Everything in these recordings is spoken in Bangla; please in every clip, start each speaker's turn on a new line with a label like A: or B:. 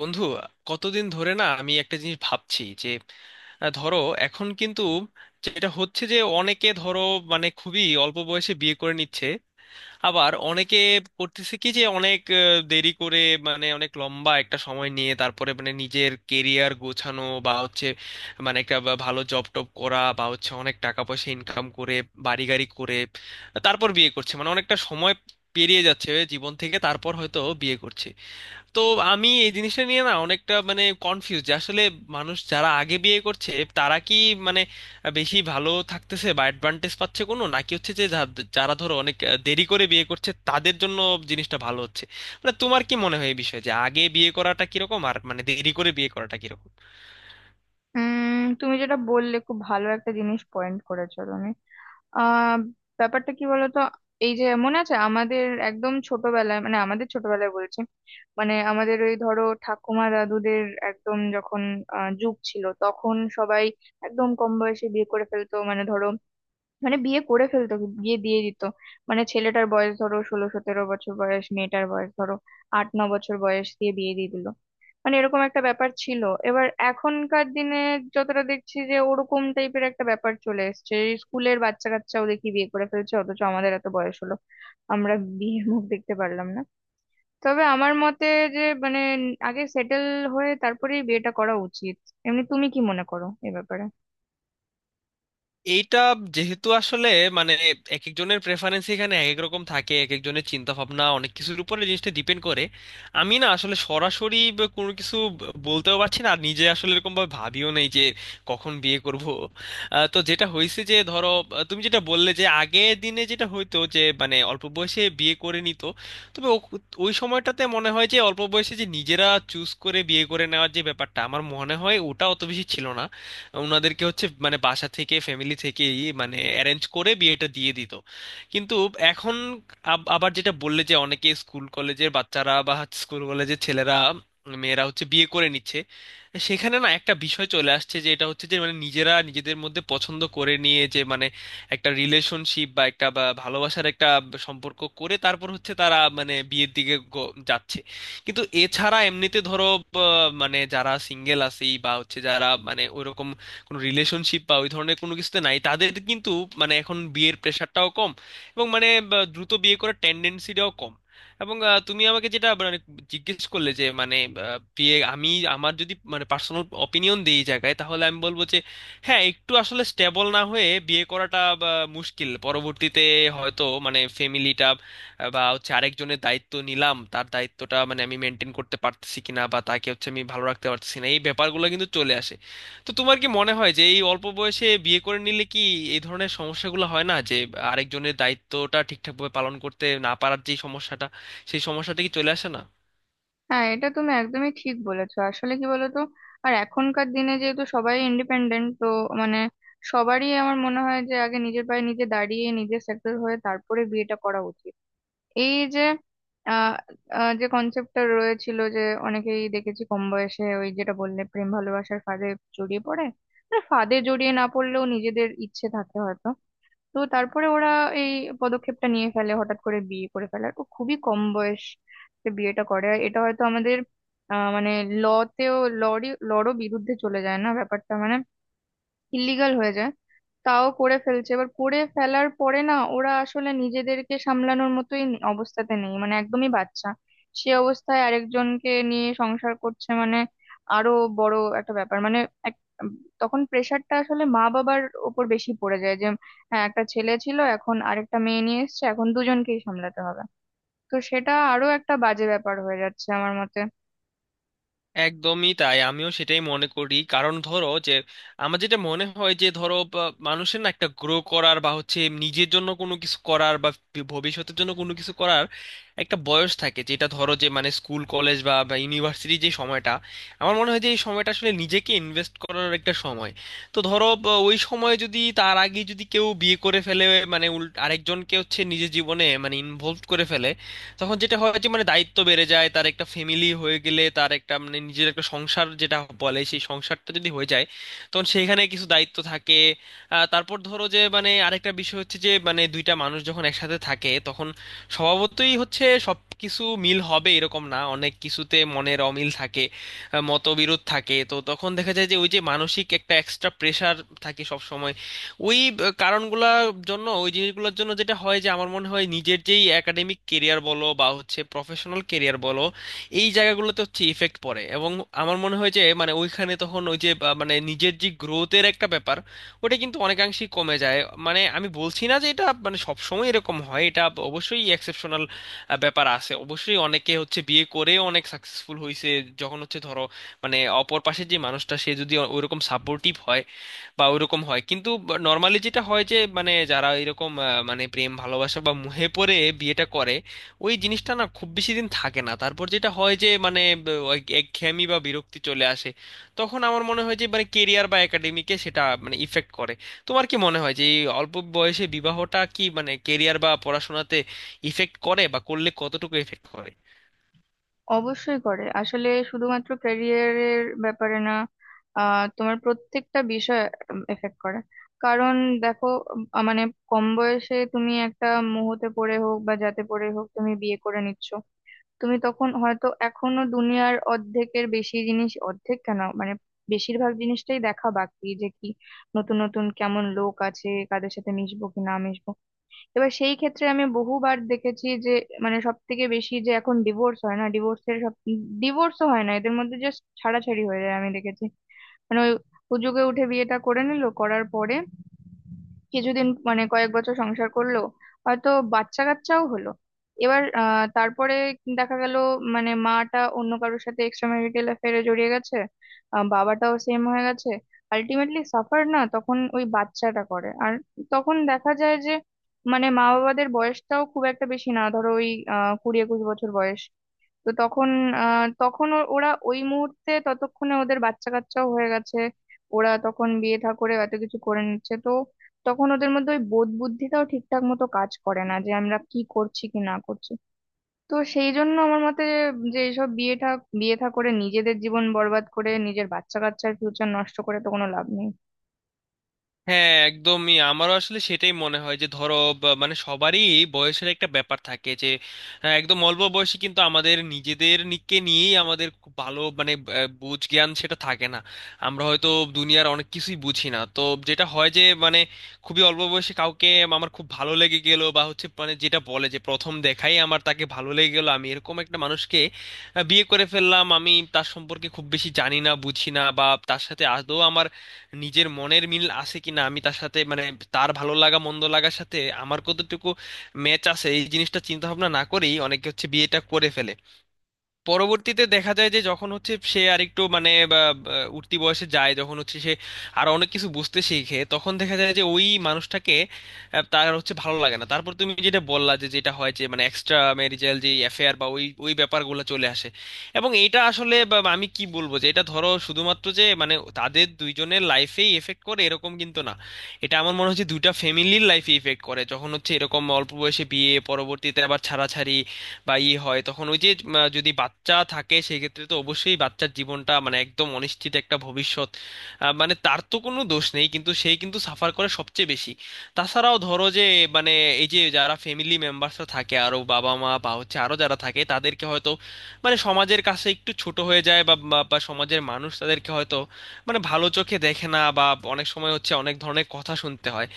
A: বন্ধু, কতদিন ধরে না আমি একটা জিনিস ভাবছি যে ধরো, এখন কিন্তু যেটা হচ্ছে যে অনেকে ধরো মানে খুবই অল্প বয়সে বিয়ে করে নিচ্ছে। আবার অনেকে করতেছে কি যে অনেক দেরি করে, মানে অনেক লম্বা একটা সময় নিয়ে তারপরে মানে নিজের কেরিয়ার গোছানো বা হচ্ছে, মানে একটা ভালো জব টব করা বা হচ্ছে অনেক টাকা পয়সা ইনকাম করে, বাড়ি গাড়ি করে তারপর বিয়ে করছে, মানে অনেকটা সময় পেরিয়ে যাচ্ছে জীবন থেকে, তারপর হয়তো বিয়ে করছে। তো আমি এই জিনিসটা নিয়ে না অনেকটা মানে কনফিউজ যে আসলে মানুষ যারা আগে বিয়ে করছে তারা কি মানে বেশি ভালো থাকতেছে বা অ্যাডভান্টেজ পাচ্ছে কোনো, নাকি হচ্ছে যে যারা ধরো অনেক দেরি করে বিয়ে করছে তাদের জন্য জিনিসটা ভালো হচ্ছে। মানে তোমার কি মনে হয় এই বিষয়ে যে আগে বিয়ে করাটা কিরকম আর মানে দেরি করে বিয়ে করাটা কিরকম?
B: উম তুমি যেটা বললে খুব ভালো একটা জিনিস পয়েন্ট করেছো তুমি। আহ ব্যাপারটা কি বলতো? এই যে মনে আছে আমাদের একদম ছোটবেলায়, আমাদের ছোটবেলায় বলছি, আমাদের ওই ধরো ঠাকুমা দাদুদের একদম যখন যুগ ছিল, তখন সবাই একদম কম বয়সে বিয়ে করে ফেলতো। মানে ধরো, বিয়ে করে ফেলতো, বিয়ে দিয়ে দিত। মানে ছেলেটার বয়স ধরো 16 17 বছর, বয়স মেয়েটার বয়স ধরো 8 9 বছর বয়স, দিয়ে বিয়ে দিয়ে দিল। মানে এরকম একটা ব্যাপার ছিল। এবার এখনকার দিনে যতটা দেখছি যে ওরকম টাইপের একটা ব্যাপার চলে এসেছে, স্কুলের বাচ্চা কাচ্চাও দেখি বিয়ে করে ফেলছে, অথচ আমাদের এত বয়স হলো, আমরা বিয়ের মুখ দেখতে পারলাম না। তবে আমার মতে যে, মানে আগে সেটেল হয়ে তারপরেই বিয়েটা করা উচিত। এমনি তুমি কি মনে করো এ ব্যাপারে?
A: এইটা যেহেতু আসলে মানে এক একজনের প্রেফারেন্স এখানে এক এক রকম থাকে, এক একজনের চিন্তা ভাবনা অনেক কিছুর উপরে জিনিসটা ডিপেন্ড করে। আমি না আসলে সরাসরি কোনো কিছু বলতেও পারছি না, আর নিজে আসলে এরকম ভাবে ভাবিও নেই যে কখন বিয়ে করব। তো যেটা হয়েছে যে ধরো, তুমি যেটা বললে যে আগে দিনে যেটা হইতো যে মানে অল্প বয়সে বিয়ে করে নিত। তবে ওই সময়টাতে মনে হয় যে অল্প বয়সে যে নিজেরা চুজ করে বিয়ে করে নেওয়ার যে ব্যাপারটা আমার মনে হয় ওটা অত বেশি ছিল না। ওনাদেরকে হচ্ছে মানে বাসা থেকে ফ্যামিলি থেকেই মানে অ্যারেঞ্জ করে বিয়েটা দিয়ে দিত। কিন্তু এখন আবার যেটা বললে যে অনেকে স্কুল কলেজের বাচ্চারা বা স্কুল কলেজের ছেলেরা মেয়েরা হচ্ছে বিয়ে করে নিচ্ছে, সেখানে না একটা বিষয় চলে আসছে যে এটা হচ্ছে যে মানে নিজেরা নিজেদের মধ্যে পছন্দ করে নিয়ে যে মানে একটা রিলেশনশিপ বা একটা বা ভালোবাসার একটা সম্পর্ক করে, তারপর হচ্ছে তারা মানে বিয়ের দিকে যাচ্ছে। কিন্তু এছাড়া এমনিতে ধরো, মানে যারা সিঙ্গেল আছে বা হচ্ছে যারা মানে ওইরকম কোনো রিলেশনশিপ বা ওই ধরনের কোনো কিছুতে নাই, তাদের কিন্তু মানে এখন বিয়ের প্রেশারটাও কম, এবং মানে দ্রুত বিয়ে করার টেন্ডেন্সিটাও কম। এবং তুমি আমাকে যেটা মানে জিজ্ঞেস করলে যে মানে বিয়ে, আমি আমার যদি মানে পার্সোনাল অপিনিয়ন দিই এই জায়গায় তাহলে আমি বলবো যে হ্যাঁ, একটু আসলে স্টেবল না হয়ে বিয়ে করাটা মুশকিল পরবর্তীতে। হয়তো মানে ফ্যামিলিটা বা হচ্ছে আরেকজনের দায়িত্ব নিলাম, তার দায়িত্বটা মানে আমি মেনটেন করতে পারতেছি কিনা বা তাকে হচ্ছে আমি ভালো রাখতে পারতেছি না, এই ব্যাপারগুলো কিন্তু চলে আসে। তো তোমার কি মনে হয় যে এই অল্প বয়সে বিয়ে করে নিলে কি এই ধরনের সমস্যাগুলো হয় না, যে আরেকজনের দায়িত্বটা ঠিকঠাকভাবে পালন করতে না পারার যে সমস্যাটা, সেই সমস্যাটা কি চলে আসে না?
B: হ্যাঁ, এটা তুমি একদমই ঠিক বলেছো। আসলে কি বলতো, আর এখনকার দিনে যেহেতু সবাই ইন্ডিপেন্ডেন্ট, তো মানে সবারই আমার মনে হয় যে আগে নিজের পায়ে নিজে দাঁড়িয়ে, নিজে সেটেল হয়ে তারপরে বিয়েটা করা উচিত। এই যে আহ আহ, যে কনসেপ্টটা রয়েছিল যে অনেকেই দেখেছি কম বয়সে ওই যেটা বললে প্রেম ভালোবাসার ফাঁদে জড়িয়ে পড়ে, মানে ফাঁদে জড়িয়ে না পড়লেও নিজেদের ইচ্ছে থাকে হয়তো। তো তারপরে ওরা এই পদক্ষেপটা নিয়ে ফেলে, হঠাৎ করে বিয়ে করে ফেলার, ও খুবই কম বয়সে বিয়েটা করে। আর এটা হয়তো আমাদের আহ মানে লতেও লরই লরও বিরুদ্ধে চলে যায় না, ব্যাপারটা মানে ইলিগাল হয়ে যায়, তাও করে ফেলছে। এবার করে ফেলার পরে না, ওরা আসলে নিজেদেরকে সামলানোর মতোই অবস্থাতে নেই, মানে একদমই বাচ্চা। সে অবস্থায় আরেকজনকে নিয়ে সংসার করছে, মানে আরো বড় একটা ব্যাপার, মানে এক- তখন প্রেশারটা আসলে মা বাবার উপর বেশি পড়ে যায়। যে হ্যাঁ, একটা ছেলে ছিল, এখন আরেকটা মেয়ে নিয়ে এসেছে, এখন দুজনকেই সামলাতে হবে। তো সেটা আরো একটা বাজে ব্যাপার হয়ে যাচ্ছে আমার মতে।
A: একদমই তাই, আমিও সেটাই মনে করি। কারণ ধরো যে আমার যেটা মনে হয় যে ধরো বা মানুষের না একটা গ্রো করার বা হচ্ছে নিজের জন্য কোনো কিছু করার বা ভবিষ্যতের জন্য কোনো কিছু করার একটা বয়স থাকে, যেটা ধরো যে মানে স্কুল কলেজ বা বা ইউনিভার্সিটি যে সময়টা, আমার মনে হয় যে এই সময়টা আসলে নিজেকে ইনভেস্ট করার একটা সময়। তো ধরো বা ওই সময় যদি, তার আগে যদি কেউ বিয়ে করে ফেলে মানে উল আরেকজনকে হচ্ছে নিজের জীবনে মানে ইনভলভ করে ফেলে, তখন যেটা হয় যে মানে দায়িত্ব বেড়ে যায়, তার একটা ফ্যামিলি হয়ে গেলে তার একটা মানে নিজের একটা সংসার যেটা বলে, সেই সংসারটা যদি হয়ে যায় তখন সেখানে কিছু দায়িত্ব থাকে। তারপর ধরো যে মানে আরেকটা বিষয় হচ্ছে যে মানে দুইটা মানুষ যখন একসাথে থাকে তখন স্বভাবতই হচ্ছে সব কিছু মিল হবে এরকম না, অনেক কিছুতে মনের অমিল থাকে, মতবিরোধ থাকে। তো তখন দেখা যায় যে ওই যে মানসিক একটা এক্সট্রা প্রেশার থাকে সবসময়, ওই কারণগুলোর জন্য, ওই জিনিসগুলোর জন্য যেটা হয় যে আমার মনে হয় নিজের যেই একাডেমিক কেরিয়ার বলো বা হচ্ছে প্রফেশনাল কেরিয়ার বলো, এই জায়গাগুলোতে হচ্ছে ইফেক্ট পড়ে। এবং আমার মনে হয় যে মানে ওইখানে তখন ওই যে বা মানে নিজের যে গ্রোথের একটা ব্যাপার, ওটা কিন্তু অনেকাংশেই কমে যায়। মানে আমি বলছি না যে এটা মানে সবসময় এরকম হয়, এটা অবশ্যই এক্সেপশনাল ব্যাপার আছে, অবশ্যই অনেকে হচ্ছে বিয়ে করে অনেক সাকসেসফুল হয়েছে, যখন হচ্ছে ধরো মানে অপর পাশের যে মানুষটা সে যদি ওইরকম সাপোর্টিভ হয় বা ওইরকম হয়। কিন্তু নর্মালি যেটা হয় যে মানে যারা এরকম মানে প্রেম ভালোবাসা বা মুহে পড়ে বিয়েটা করে, ওই জিনিসটা না খুব বেশি দিন থাকে না, তারপর যেটা হয় যে মানে ওই একঘেয়েমি বা বিরক্তি চলে আসে। তখন আমার মনে হয় যে মানে কেরিয়ার বা একাডেমিকে সেটা মানে ইফেক্ট করে। তোমার কি মনে হয় যে এই অল্প বয়সে বিবাহটা কি মানে কেরিয়ার বা পড়াশোনাতে ইফেক্ট করে, বা করলে কতটুকু ইফেক্ট করে?
B: অবশ্যই করে, আসলে শুধুমাত্র ক্যারিয়ারের ব্যাপারে না, তোমার প্রত্যেকটা বিষয় এফেক্ট করে। কারণ দেখো, মানে কম বয়সে তুমি একটা মুহূর্তে পড়ে হোক বা যাতে পড়ে হোক, তুমি বিয়ে করে নিচ্ছ। তুমি তখন হয়তো এখনো দুনিয়ার অর্ধেকের বেশি জিনিস, অর্ধেক কেন, মানে বেশিরভাগ জিনিসটাই দেখা বাকি, যে কি নতুন নতুন কেমন লোক আছে, কাদের সাথে মিশবো কি না মিশবো। এবার সেই ক্ষেত্রে আমি বহুবার দেখেছি যে, মানে সব থেকে বেশি যে এখন ডিভোর্স হয় না, ডিভোর্সের সব ডিভোর্সও হয় না, এদের মধ্যে জাস্ট ছাড়াছাড়ি হয়ে যায় আমি দেখেছি। মানে ওই হুজুগে উঠে বিয়েটা করে নিল, করার পরে কিছুদিন মানে কয়েক বছর সংসার করলো, হয়তো বাচ্চা কাচ্চাও হলো। এবার তারপরে দেখা গেল মানে মাটা অন্য কারোর সাথে এক্সট্রা ম্যারিটাল অ্যাফেয়ারে জড়িয়ে গেছে, বাবাটাও সেম হয়ে গেছে। আলটিমেটলি সাফার না তখন ওই বাচ্চাটা করে। আর তখন দেখা যায় যে, মানে মা বাবাদের বয়সটাও খুব একটা বেশি না, ধরো ওই 20 21 বছর বয়স। তো তখন তখন ওরা ওই মুহূর্তে ততক্ষণে ওদের বাচ্চা কাচ্চাও হয়ে গেছে, ওরা তখন বিয়ে থা করে এত কিছু করে নিচ্ছে। তো তখন ওদের মধ্যে ওই বোধ বুদ্ধিটাও ঠিকঠাক মতো কাজ করে না যে আমরা কি করছি কি না করছি। তো সেই জন্য আমার মতে, যে এইসব বিয়ে থা করে নিজেদের জীবন বরবাদ করে, নিজের বাচ্চা কাচ্চার ফিউচার নষ্ট করে, তো কোনো লাভ নেই।
A: হ্যাঁ একদমই, আমারও আসলে সেটাই মনে হয় যে ধরো মানে সবারই বয়সের একটা ব্যাপার থাকে যে একদম অল্প বয়সে কিন্তু আমাদের নিজেদের নিকে নিয়েই আমাদের খুব ভালো মানে বুঝ জ্ঞান সেটা থাকে না, আমরা হয়তো দুনিয়ার অনেক কিছুই বুঝি না। তো যেটা হয় যে মানে খুবই অল্প বয়সে কাউকে আমার খুব ভালো লেগে গেল বা হচ্ছে মানে যেটা বলে যে প্রথম দেখাই আমার তাকে ভালো লেগে গেল, আমি এরকম একটা মানুষকে বিয়ে করে ফেললাম, আমি তার সম্পর্কে খুব বেশি জানি না বুঝি না, বা তার সাথে আদৌ আমার নিজের মনের মিল আছে কিনা, আমি তার সাথে মানে তার ভালো লাগা মন্দ লাগার সাথে আমার কতটুকু ম্যাচ আছে, এই জিনিসটা চিন্তা ভাবনা না করেই অনেকে হচ্ছে বিয়েটা করে ফেলে। পরবর্তীতে দেখা যায় যে যখন হচ্ছে সে আরেকটু মানে বা, বা, উঠতি বয়সে যায়, যখন হচ্ছে সে আরো অনেক কিছু বুঝতে শিখে, তখন দেখা যায় যে ওই মানুষটাকে তার হচ্ছে ভালো লাগে না। তারপর তুমি যেটা বললা যে যেটা হয় যে মানে এক্সট্রা ম্যারিজাল যে অ্যাফেয়ার বা ওই ওই ব্যাপারগুলো চলে আসে। এবং এটা আসলে বা আমি কি বলবো যে এটা ধরো শুধুমাত্র যে মানে তাদের দুইজনের লাইফেই এফেক্ট করে এরকম কিন্তু না, এটা আমার মনে হচ্ছে দুইটা ফ্যামিলির লাইফে ইফেক্ট করে। যখন হচ্ছে এরকম অল্প বয়সে বিয়ে পরবর্তীতে আবার ছাড়াছাড়ি বা ই হয়, তখন ওই যে যদি বাচ্চা থাকে সেক্ষেত্রে তো অবশ্যই বাচ্চার জীবনটা মানে একদম অনিশ্চিত একটা ভবিষ্যৎ। মানে তার তো কোনো দোষ নেই, কিন্তু সে কিন্তু সাফার করে সবচেয়ে বেশি। তাছাড়াও ধরো যে মানে এই যে যারা ফ্যামিলি মেম্বার্সরা থাকে, আরো বাবা মা বা হচ্ছে আরো যারা থাকে, তাদেরকে হয়তো মানে সমাজের কাছে একটু ছোট হয়ে যায়, বা বা বা সমাজের মানুষ তাদেরকে হয়তো মানে ভালো চোখে দেখে না, বা অনেক সময় হচ্ছে অনেক ধরনের কথা শুনতে হয়।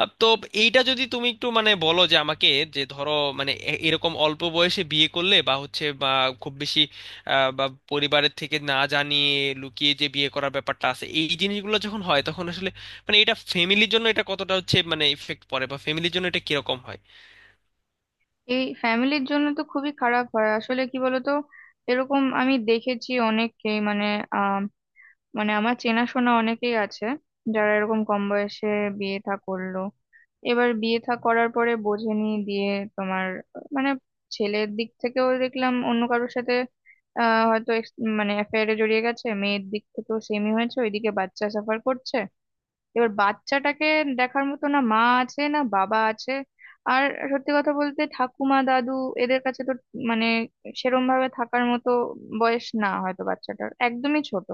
A: তো এইটা যদি তুমি একটু মানে বলো যে আমাকে, যে ধরো মানে এরকম অল্প বয়সে বিয়ে করলে বা হচ্ছে বা খুব বেশি বা পরিবারের থেকে না জানিয়ে লুকিয়ে যে বিয়ে করার ব্যাপারটা আছে, এই জিনিসগুলো যখন হয় তখন আসলে মানে এটা ফ্যামিলির জন্য এটা কতটা হচ্ছে মানে ইফেক্ট পড়ে, বা ফ্যামিলির জন্য এটা কিরকম হয়?
B: এই ফ্যামিলির জন্য তো খুবই খারাপ হয়। আসলে কি বলতো, এরকম আমি দেখেছি অনেককেই, মানে মানে আমার চেনাশোনা অনেকেই আছে যারা এরকম কম বয়সে বিয়ে থা করলো। এবার বিয়ে থা করার পরে বোঝেনি দিয়ে তোমার, আহ, মানে ছেলের দিক থেকেও দেখলাম অন্য কারোর সাথে হয়তো মানে অ্যাফেয়ারে জড়িয়ে গেছে, মেয়ের দিক থেকেও সেমই হয়েছে, ওইদিকে বাচ্চা সাফার করছে। এবার বাচ্চাটাকে দেখার মতো না মা আছে, না বাবা আছে। আর সত্যি কথা বলতে ঠাকুমা দাদু এদের কাছে তো মানে সেরম ভাবে থাকার মতো বয়স না, হয়তো বাচ্চাটার একদমই ছোট।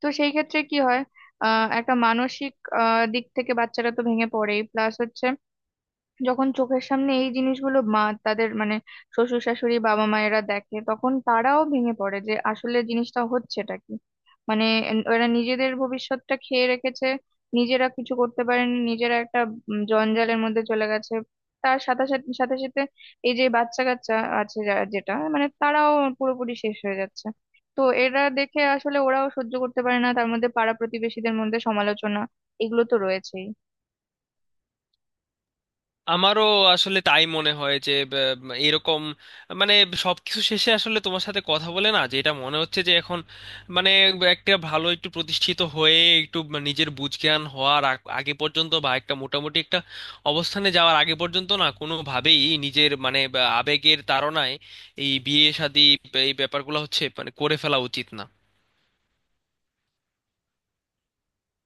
B: তো সেই ক্ষেত্রে কি হয়, একটা মানসিক দিক থেকে বাচ্চারা তো ভেঙে পড়েই, প্লাস হচ্ছে যখন চোখের সামনে এই জিনিসগুলো মা তাদের মানে শ্বশুর শাশুড়ি বাবা মায়েরা দেখে, তখন তারাও ভেঙে পড়ে যে আসলে জিনিসটা হচ্ছেটা কি। মানে ওরা নিজেদের ভবিষ্যৎটা খেয়ে রেখেছে, নিজেরা কিছু করতে পারেনি, নিজেরা একটা জঞ্জালের মধ্যে চলে গেছে। তার সাথে সাথে এই যে বাচ্চা কাচ্চা আছে, যেটা মানে তারাও পুরোপুরি শেষ হয়ে যাচ্ছে। তো এরা দেখে আসলে ওরাও সহ্য করতে পারে না, তার মধ্যে পাড়া প্রতিবেশীদের মধ্যে সমালোচনা এগুলো তো রয়েছেই।
A: আমারও আসলে তাই মনে হয় যে এরকম মানে সবকিছু শেষে আসলে তোমার সাথে কথা বলে না যেটা মনে হচ্ছে যে এখন মানে একটা ভালো একটু প্রতিষ্ঠিত হয়ে, একটু নিজের বুঝ জ্ঞান হওয়ার আগে পর্যন্ত, বা একটা মোটামুটি একটা অবস্থানে যাওয়ার আগে পর্যন্ত না কোনোভাবেই নিজের মানে বা আবেগের তাড়নায় এই বিয়ে শাদী এই ব্যাপারগুলো হচ্ছে মানে করে ফেলা উচিত না।